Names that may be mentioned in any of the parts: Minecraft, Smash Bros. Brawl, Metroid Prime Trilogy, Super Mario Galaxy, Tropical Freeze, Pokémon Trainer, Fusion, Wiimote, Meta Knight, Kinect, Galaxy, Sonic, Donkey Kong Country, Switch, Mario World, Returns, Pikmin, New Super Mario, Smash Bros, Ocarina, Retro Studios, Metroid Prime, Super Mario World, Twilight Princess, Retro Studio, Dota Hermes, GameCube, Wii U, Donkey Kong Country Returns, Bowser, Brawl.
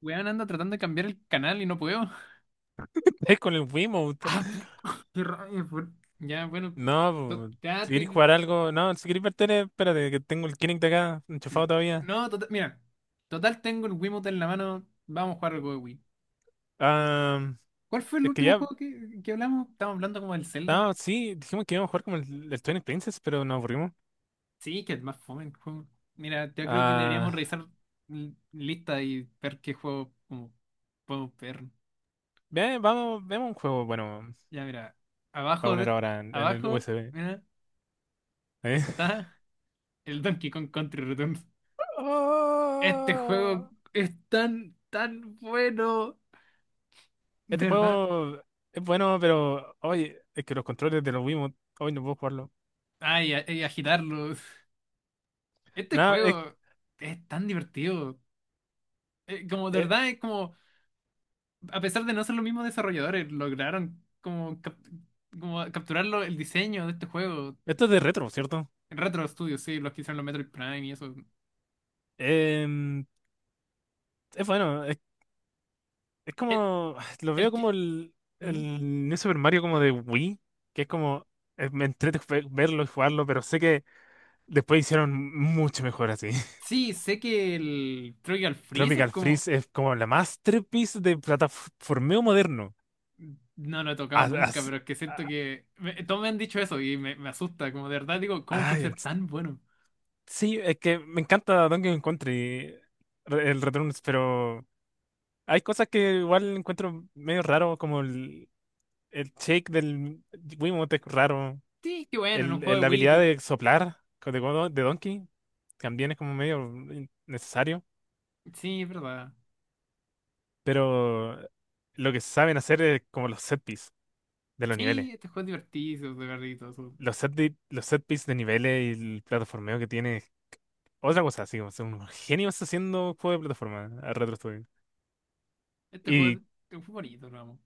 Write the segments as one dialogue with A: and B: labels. A: Weón, anda tratando de cambiar el canal y no puedo.
B: Es con el Wiimote.
A: Ah, pu- qué rabia, Ya, bueno.
B: No,
A: to-
B: po,
A: ya
B: si queréis
A: te-
B: jugar algo. No, si queréis ver tele, espérate, que tengo el Kinect de acá enchufado todavía.
A: No, total, mira. Total, tengo el Wiimote en la mano. Vamos a jugar algo de Wii.
B: Ah,
A: ¿Cuál fue el
B: es que
A: último
B: ya.
A: juego que hablamos? Estábamos hablando como del Zelda.
B: No, sí, dijimos que íbamos a jugar como el Twilight Princess, pero nos aburrimos.
A: Sí, que es más fome el juego. Mira, yo creo que deberíamos
B: Ah,
A: revisar lista y ver qué juego como, podemos ver.
B: vamos, vemos un juego. Bueno,
A: Ya, mira.
B: va a
A: Abajo
B: poner
A: de...
B: ahora en el
A: Abajo,
B: USB.
A: mira,
B: ¿Eh?
A: está el Donkey Kong Country Returns. Este juego
B: Oh,
A: es tan, tan bueno, de
B: este
A: ¿verdad?
B: juego es bueno, pero. Oye, es que los controles de los Wiimote. Hoy no puedo jugarlo.
A: Y agitarlo. Este
B: Nada, es,
A: juego es tan divertido. Como, de
B: eh,
A: verdad, es como, a pesar de no ser los mismos desarrolladores, lograron como capturarlo el diseño de este juego.
B: esto es de retro, ¿cierto?
A: Retro Studios, sí, los que hicieron los Metroid Prime y eso.
B: Em, es bueno. Es
A: El,
B: como, lo veo
A: el que...
B: como
A: ¿Mm?
B: el New Super Mario como de Wii, que es como, me entrete verlo y jugarlo, pero sé que después hicieron mucho mejor así.
A: Sí, sé que el Trivial Freeze es
B: Tropical
A: como...
B: Freeze es como la masterpiece de plataformeo moderno.
A: No lo he tocado
B: A-
A: nunca,
B: as-
A: pero es que siento que todos me han dicho eso y me asusta, como de verdad digo, ¿cómo
B: ah,
A: puede
B: ay,
A: ser
B: es-
A: tan bueno?
B: sí, es que me encanta Donkey Kong Country, el Returns, pero hay cosas que igual encuentro medio raro, como el shake del Wiimote es raro.
A: Sí, qué bueno, en un juego de
B: La
A: Wii,
B: habilidad de soplar de Donkey también es como medio necesario,
A: sí, es verdad.
B: pero lo que saben hacer es como los set piece de los
A: Sí,
B: niveles.
A: este juego es divertido, de verdad, y todo eso.
B: Los set, los set piece de niveles y el plataformeo que tiene es otra cosa, así como son unos genios haciendo juegos de plataforma a Retro Studio.
A: Este juego
B: Y
A: Es un juego bonito, lo amo.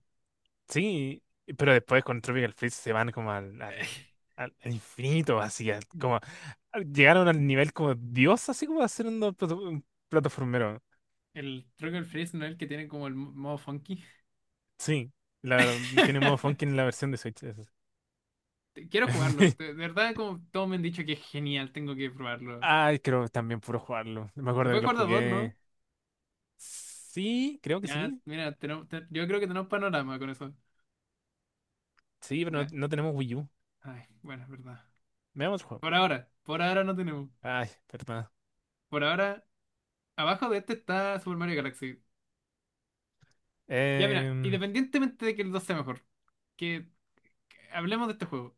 B: sí, pero después con Tropical Freeze se van como al infinito, así como llegaron al nivel como Dios, así como haciendo un plataformero.
A: El Trucker Freeze no es el que tiene como el modo funky.
B: Sí, la, tiene modo funky en la versión de Switch. Eso
A: Quiero jugarlo,
B: sí.
A: de verdad, como todos me han dicho que es genial, tengo que probarlo.
B: Ay, creo también puro jugarlo. Me
A: Se
B: acuerdo que
A: puede
B: lo
A: jugar de a dos, ¿no?
B: jugué. Sí, creo que
A: Ya,
B: sí.
A: mira, yo creo que tenemos panorama con eso.
B: Sí, pero no,
A: Ya,
B: no tenemos Wii U.
A: ay, bueno, es verdad.
B: Veamos el juego.
A: Por ahora no tenemos.
B: Ay, perdón.
A: Por ahora, abajo de este está Super Mario Galaxy. Ya mira,
B: Em,
A: independientemente de que el 2 sea mejor, que, que hablemos de este juego.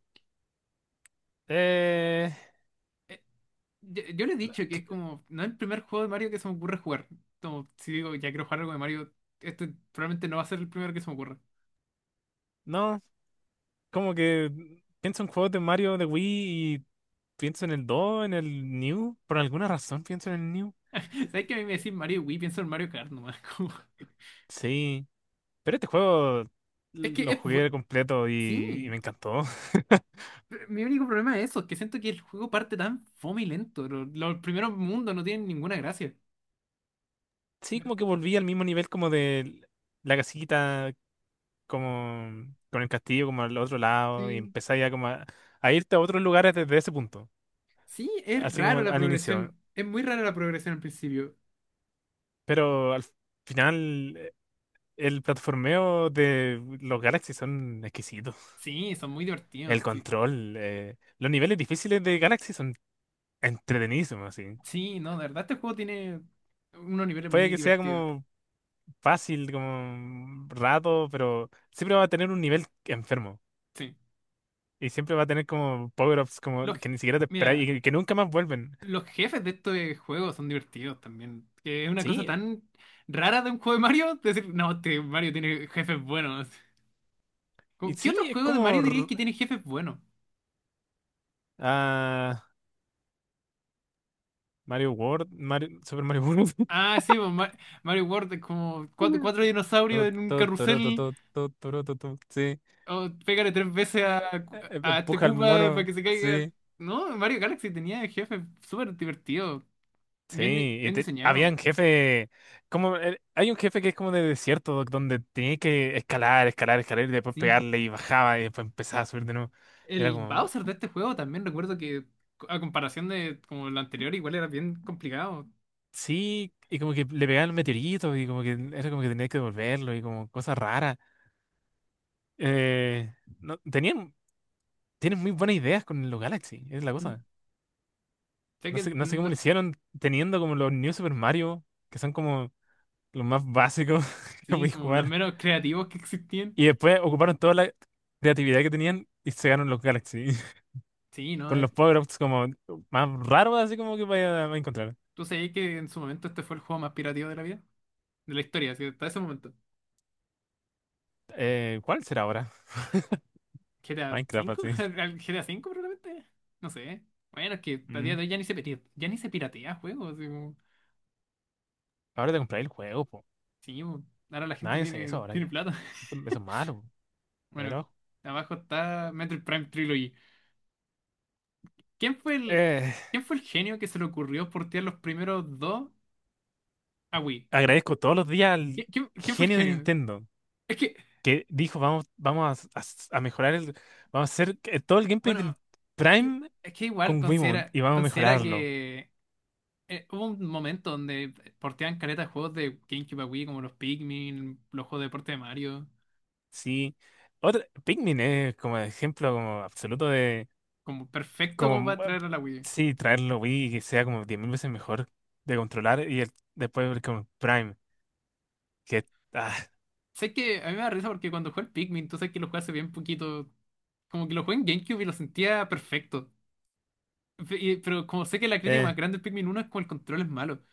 B: eh,
A: Yo le he
B: no,
A: dicho que es como, no es el primer juego de Mario que se me ocurre jugar. Como, si digo, ya quiero jugar algo de Mario, este probablemente no va a ser el primero que se me ocurra.
B: no, como que pienso en juegos de Mario de Wii y pienso en el 2, en el New. Por alguna razón pienso en el New.
A: ¿Sabes que a mí me decís Mario Wii? Pienso en Mario Kart nomás.
B: Sí, pero este juego
A: Es que
B: lo
A: es...
B: jugué completo y
A: Sí.
B: me encantó.
A: Pero mi único problema es eso, que siento que el juego parte tan fome y lento. Los primeros mundos no tienen ninguna gracia.
B: Sí, como que volví al mismo nivel como de la casita, como con el castillo, como al otro lado, y
A: Sí,
B: empecé ya como a irte a otros lugares desde ese punto,
A: sí, es
B: así como
A: raro la
B: al inicio.
A: progresión. Es muy rara la progresión al principio.
B: Pero al final, el platformeo de los Galaxy son exquisitos.
A: Sí, son muy
B: El
A: divertidos. Sí,
B: control, los niveles difíciles de Galaxy son entretenidísimos, así.
A: sí, no, de verdad este juego tiene unos niveles
B: Puede
A: muy
B: que sea
A: divertidos.
B: como fácil, como rato, pero siempre va a tener un nivel enfermo.
A: Sí.
B: Y siempre va a tener como power-ups como
A: Los,
B: que ni siquiera te esperáis
A: Mira,
B: que nunca más vuelven.
A: los jefes de estos juegos son divertidos también. Que es una cosa
B: Sí,
A: tan rara de un juego de Mario. Decir, no, este Mario tiene jefes buenos.
B: y
A: Como, ¿qué
B: sí,
A: otro
B: es
A: juego de
B: como
A: Mario diría que tiene jefes buenos?
B: ah, Mario World, Mario, Super Mario World.
A: Ah, sí, pues, Mario World es como cuatro, cuatro
B: To,
A: dinosaurios en un
B: to, toro, to,
A: carrusel.
B: to, to, toro, to, to. Sí.
A: Oh, pégale tres veces a este
B: Empuja al
A: Koopa para
B: mono.
A: que se caiga.
B: Sí.
A: No, Mario Galaxy tenía jefe súper divertido,
B: Sí. Y
A: bien diseñado,
B: habían jefe. Como, hay un jefe que es como de desierto, doc, donde tenía que escalar, escalar, escalar y después
A: sí.
B: pegarle y bajaba y después empezaba a subir de nuevo. Y era
A: El
B: como.
A: Bowser de este juego también recuerdo que, a comparación de como el anterior, igual era bien complicado.
B: Sí, y como que le pegaban meteoritos y como que era como que tenías que devolverlo y como cosas raras. Eh, no, tienen muy buenas ideas con los Galaxy, es la
A: ¿Mm?
B: cosa.
A: Sé
B: No
A: que,
B: sé, no sé cómo lo
A: no,
B: hicieron teniendo como los New Super Mario, que son como los más básicos que
A: sí,
B: podéis
A: como los
B: jugar.
A: menos creativos que existían.
B: Y después ocuparon toda la creatividad que tenían y se ganaron los Galaxy.
A: Sí, no,
B: Con los power-ups como más raros, así como que vaya a encontrar.
A: tú sabías que en su momento este fue el juego más pirativo de la vida, de la historia, así, hasta ese momento.
B: ¿Cuál será ahora?
A: ¿G T a
B: Minecraft,
A: 5,
B: así.
A: ¿Al G T a 5 probablemente? No sé. Bueno, es que a
B: Mm,
A: día de hoy ya ni se piratea juegos. Así
B: Ahora te compráis el juego, po.
A: sí, bo, ahora la gente
B: Nadie hace eso ahora
A: tiene
B: ya.
A: plata.
B: Eso es malo. A ver,
A: Bueno,
B: ojo.
A: abajo está Metroid Prime Trilogy. ¿Quién fue el,
B: Eh,
A: ¿Quién fue el genio que se le ocurrió portear los primeros dos a Wii?
B: agradezco todos los días al
A: ¿Quién fue el
B: genio de
A: genio?
B: Nintendo
A: Es que,
B: que dijo, vamos, vamos a mejorar vamos a hacer que todo el gameplay
A: bueno,
B: del
A: i-
B: Prime
A: es que igual
B: con Wiimote y vamos a
A: considera
B: mejorarlo.
A: que hubo un momento donde porteaban caretas de juegos de GameCube a Wii, como los Pikmin, los juegos de deporte de Mario.
B: Sí. Otra, Pikmin es como ejemplo como absoluto de
A: Como perfecto como para
B: como
A: traer a la Wii.
B: sí, traerlo Wii y que sea como 10.000 veces mejor de controlar y después ver con Prime que ah,
A: Sé que a mí me da risa porque cuando jugué el Pikmin, tú sabes que lo jugué hace bien poquito. Como que lo jugué en GameCube y lo sentía perfecto. Pero como sé que la crítica
B: eh,
A: más grande del Pikmin uno es como el control es malo.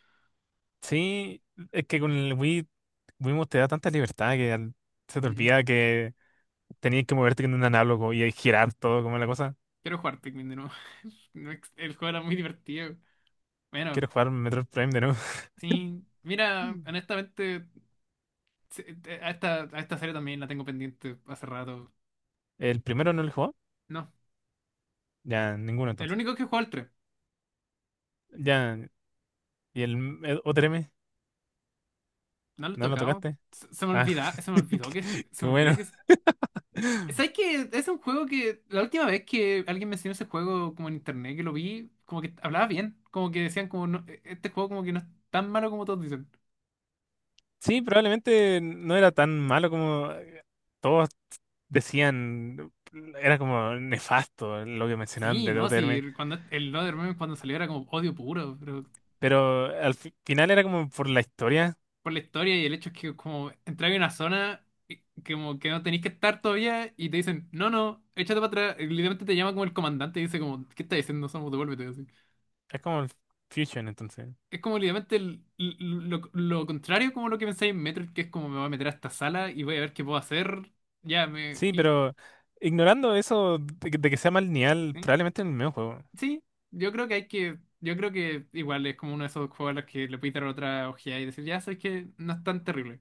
B: sí, es que con el Wii Wiimote te da tanta libertad que se te
A: Mm,
B: olvida que tenías que moverte con un análogo y girar todo como la cosa.
A: quiero jugar Pikmin de nuevo. No ex- El juego era muy divertido. Bueno,
B: Quiero jugar Metroid Prime de nuevo.
A: sí. Mira,
B: Mm.
A: honestamente, a a esta serie también la tengo pendiente hace rato.
B: ¿El primero no lo jugó?
A: No,
B: Ya, ninguno
A: el
B: entonces.
A: único que jugó el tres.
B: Ya, ¿y el el otro M?
A: No lo he
B: ¿No lo
A: tocado.
B: tocaste? Ah,
A: Se me olvidó que se
B: qué
A: me olvida
B: bueno.
A: que ¿sabes que es un juego que la última vez que alguien mencionó ese juego como en internet que lo vi, como que hablaba bien, como que decían como no, este juego como que no es tan malo como todos dicen?
B: Sí, probablemente no era tan malo como todos decían. Era como nefasto lo que mencionaban
A: Sí,
B: de
A: no,
B: Dota
A: sí,
B: Hermes.
A: cuando el Meme cuando salió era como odio puro, pero
B: Pero al final era como por la historia.
A: por la historia y el hecho es que como entrar en una zona como que no tenéis que estar todavía y te dicen, no, no, échate para atrás, y literalmente te llama como el comandante y dice como, ¿qué estás diciendo? Somos, devuélvete.
B: Es como el Fusion, entonces.
A: Es como literalmente el- Lo contrario como lo que pensáis en Metroid, que es como me voy a meter a esta sala y voy a ver qué puedo hacer. Ya, me...
B: Sí,
A: Y,
B: pero ignorando eso de de que sea mal lineal,
A: ¿sí?
B: probablemente en el mismo juego.
A: Sí, yo creo que hay que... Yo creo que igual es como uno de esos juegos a los que le puedes dar otra ojeada y decir, ya sabes que no es tan terrible.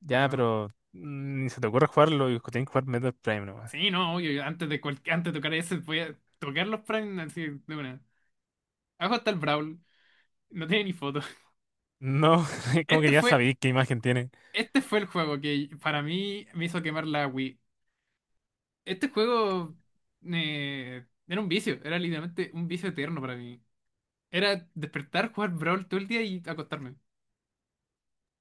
B: Ya,
A: Bueno,
B: pero mm, ni se te ocurre jugarlo y tienen que jugar Metroid Prime nomás.
A: sí, no, obvio, yo antes de tocar ese voy a tocar los Prime así de una. Abajo está el Brawl, no tiene ni foto.
B: No, como que
A: Este
B: ya
A: fue,
B: sabéis qué imagen tiene.
A: este fue el juego que para mí me hizo quemar la Wii. Este juego era un vicio, era literalmente un vicio eterno para mí. Era despertar, jugar Brawl todo el día y acostarme.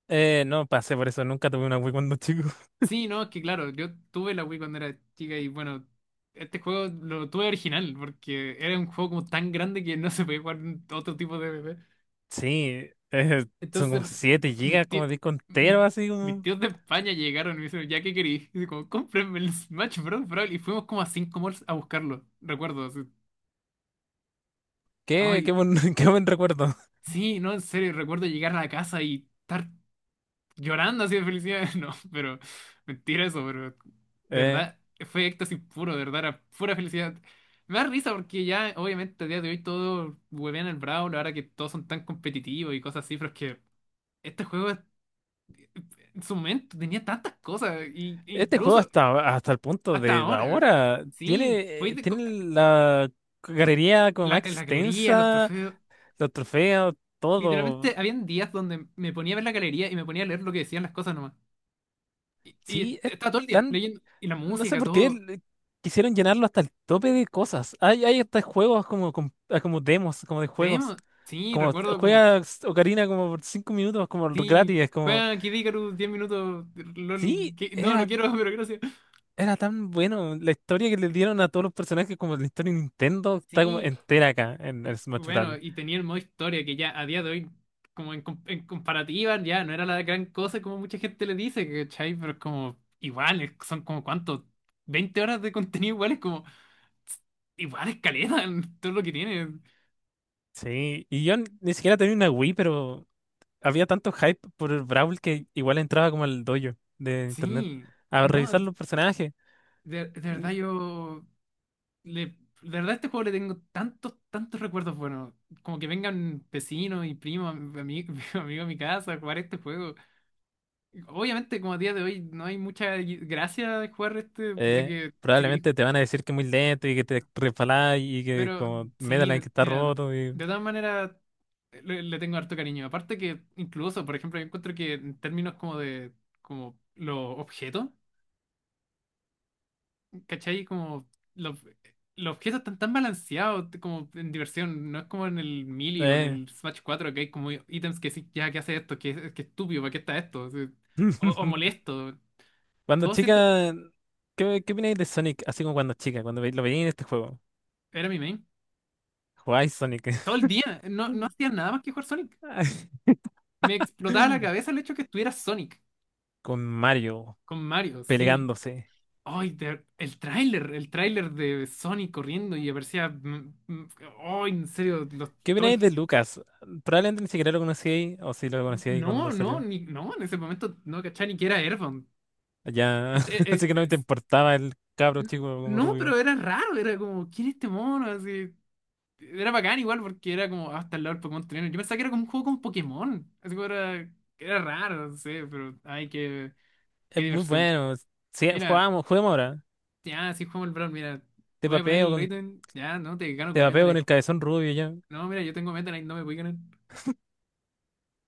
B: No pasé por eso, nunca tuve una Wii cuando chico.
A: Sí, no, es que claro, yo tuve la Wii cuando era chica y bueno, este juego lo tuve original porque era un juego como tan grande que no se podía jugar en otro tipo de bebé.
B: Sí, son como
A: Entonces,
B: 7 gigas,
A: mis tíos,
B: como disco
A: mis,
B: entero, así
A: mis
B: como.
A: tíos de España llegaron y me dijeron, ¿ya qué querí? Y como, cómprenme el Smash Bros. Brawl. Y fuimos como a 5 malls a buscarlo, recuerdo. Así.
B: Qué,
A: Ay,
B: qué buen recuerdo.
A: sí, no, en serio, recuerdo llegar a la casa y estar llorando así de felicidad. No, pero mentira eso, pero de
B: Eh,
A: verdad fue éxtasis puro, de verdad, era pura felicidad. Me da risa porque ya, obviamente, a día de hoy todo huevean el Brawl, ahora que todos son tan competitivos y cosas así, pero es que este juego en su momento tenía tantas cosas, y, e
B: este juego
A: incluso
B: hasta el punto
A: hasta
B: de
A: ahora.
B: ahora
A: Sí,
B: tiene la galería como más
A: la, la galería, los
B: extensa.
A: trofeos.
B: Los trofeos, todo.
A: Literalmente habían días donde me ponía a ver la galería y me ponía a leer lo que decían las cosas nomás. Y
B: Sí, es
A: todo el día
B: tan.
A: leyendo. Y la
B: No sé
A: música,
B: por qué
A: todo.
B: quisieron llenarlo hasta el tope de cosas. Hay hasta juegos como, como demos, como de juegos.
A: Tenemos. Sí,
B: Como
A: recuerdo como.
B: juegas Ocarina como por cinco minutos, como
A: Sí,
B: gratis. Es como.
A: juega Kid Icarus 10 minutos. LOL,
B: Sí,
A: no, no quiero, pero gracias.
B: era tan bueno. La historia que le dieron a todos los personajes, como la historia de Nintendo, está como
A: Sí,
B: entera acá en el Smash
A: bueno,
B: Bros.
A: y tenía el modo historia que ya a día de hoy, en comparativa, ya no era la gran cosa como mucha gente le dice, ¿cachai? Pero es como. Igual, son como cuánto. 20 horas de contenido igual es como. Igual es caleta, en todo lo que tiene.
B: Sí, y yo ni siquiera tenía una Wii, pero. Había tanto hype por el Brawl que igual entraba como al dojo de internet
A: Sí,
B: a
A: no,
B: revisar los personajes.
A: de verdad yo. Le, de verdad, a este juego le tengo tantos, tantos recuerdos buenos. Como que vengan vecinos y primos, amigos, amigos a mi casa a jugar este juego. Obviamente, como a día de hoy, no hay mucha gracia de jugar este, ya que si queréis.
B: Probablemente te van a decir que es muy lento y que te resbalás y que
A: Pero
B: como
A: sí,
B: Medaline que está
A: mira,
B: roto y...
A: de todas maneras, le tengo harto cariño. Aparte que, incluso, por ejemplo, yo encuentro que en términos como de como los objetos. ¿Cachai? Como los, los objetos están tan balanceados como en diversión. No es como en el Melee o en
B: eh.
A: el Smash 4 que hay como ítems que sí, ya, ¿qué hace esto? ¿Qué estúpido? ¿Para qué está esto? Sí. O molesto.
B: Cuando
A: Todo siento...
B: chica, ¿qué, qué opináis de Sonic? Así como cuando chica, cuando lo veía en este juego.
A: Era mi main.
B: ¿Jugáis Sonic
A: Todo el día. No, no hacía nada más que jugar Sonic. Me explotaba la cabeza el hecho que estuviera Sonic
B: con Mario
A: con Mario, sí.
B: peleándose?
A: El tráiler, el tráiler de Sonic corriendo y aparecía... mm, mm, ay, en serio,
B: ¿Qué
A: todo
B: opináis
A: el...
B: de Lucas? Probablemente ni siquiera lo conocíais o si lo conocíais cuando
A: No, no,
B: salió.
A: ni, no, en ese momento no cachaba ni que era Airbound.
B: Ya,
A: Este, eh,
B: así
A: eh,
B: que no te
A: es-
B: importaba el cabro
A: n-
B: chico como
A: no,
B: rubio.
A: pero era raro, era como, ¿quién es este mono? Así, era bacán igual porque era como, hasta el lado del Pokémon Trainer. Yo pensaba que era como un juego con Pokémon. Así como era, era raro, no sé, pero, ay, qué, qué
B: Es muy
A: diversión.
B: bueno. Si
A: Mira,
B: jugamos, juguemos ahora.
A: ya, si jugamos el Brawl, mira,
B: Te
A: te voy a poner
B: papeo
A: el
B: con,
A: ítem, ya, no, te gano
B: te
A: con Meta
B: papeo con
A: Knight.
B: el cabezón rubio ya.
A: No, mira, yo tengo Meta Knight, no me voy a ganar.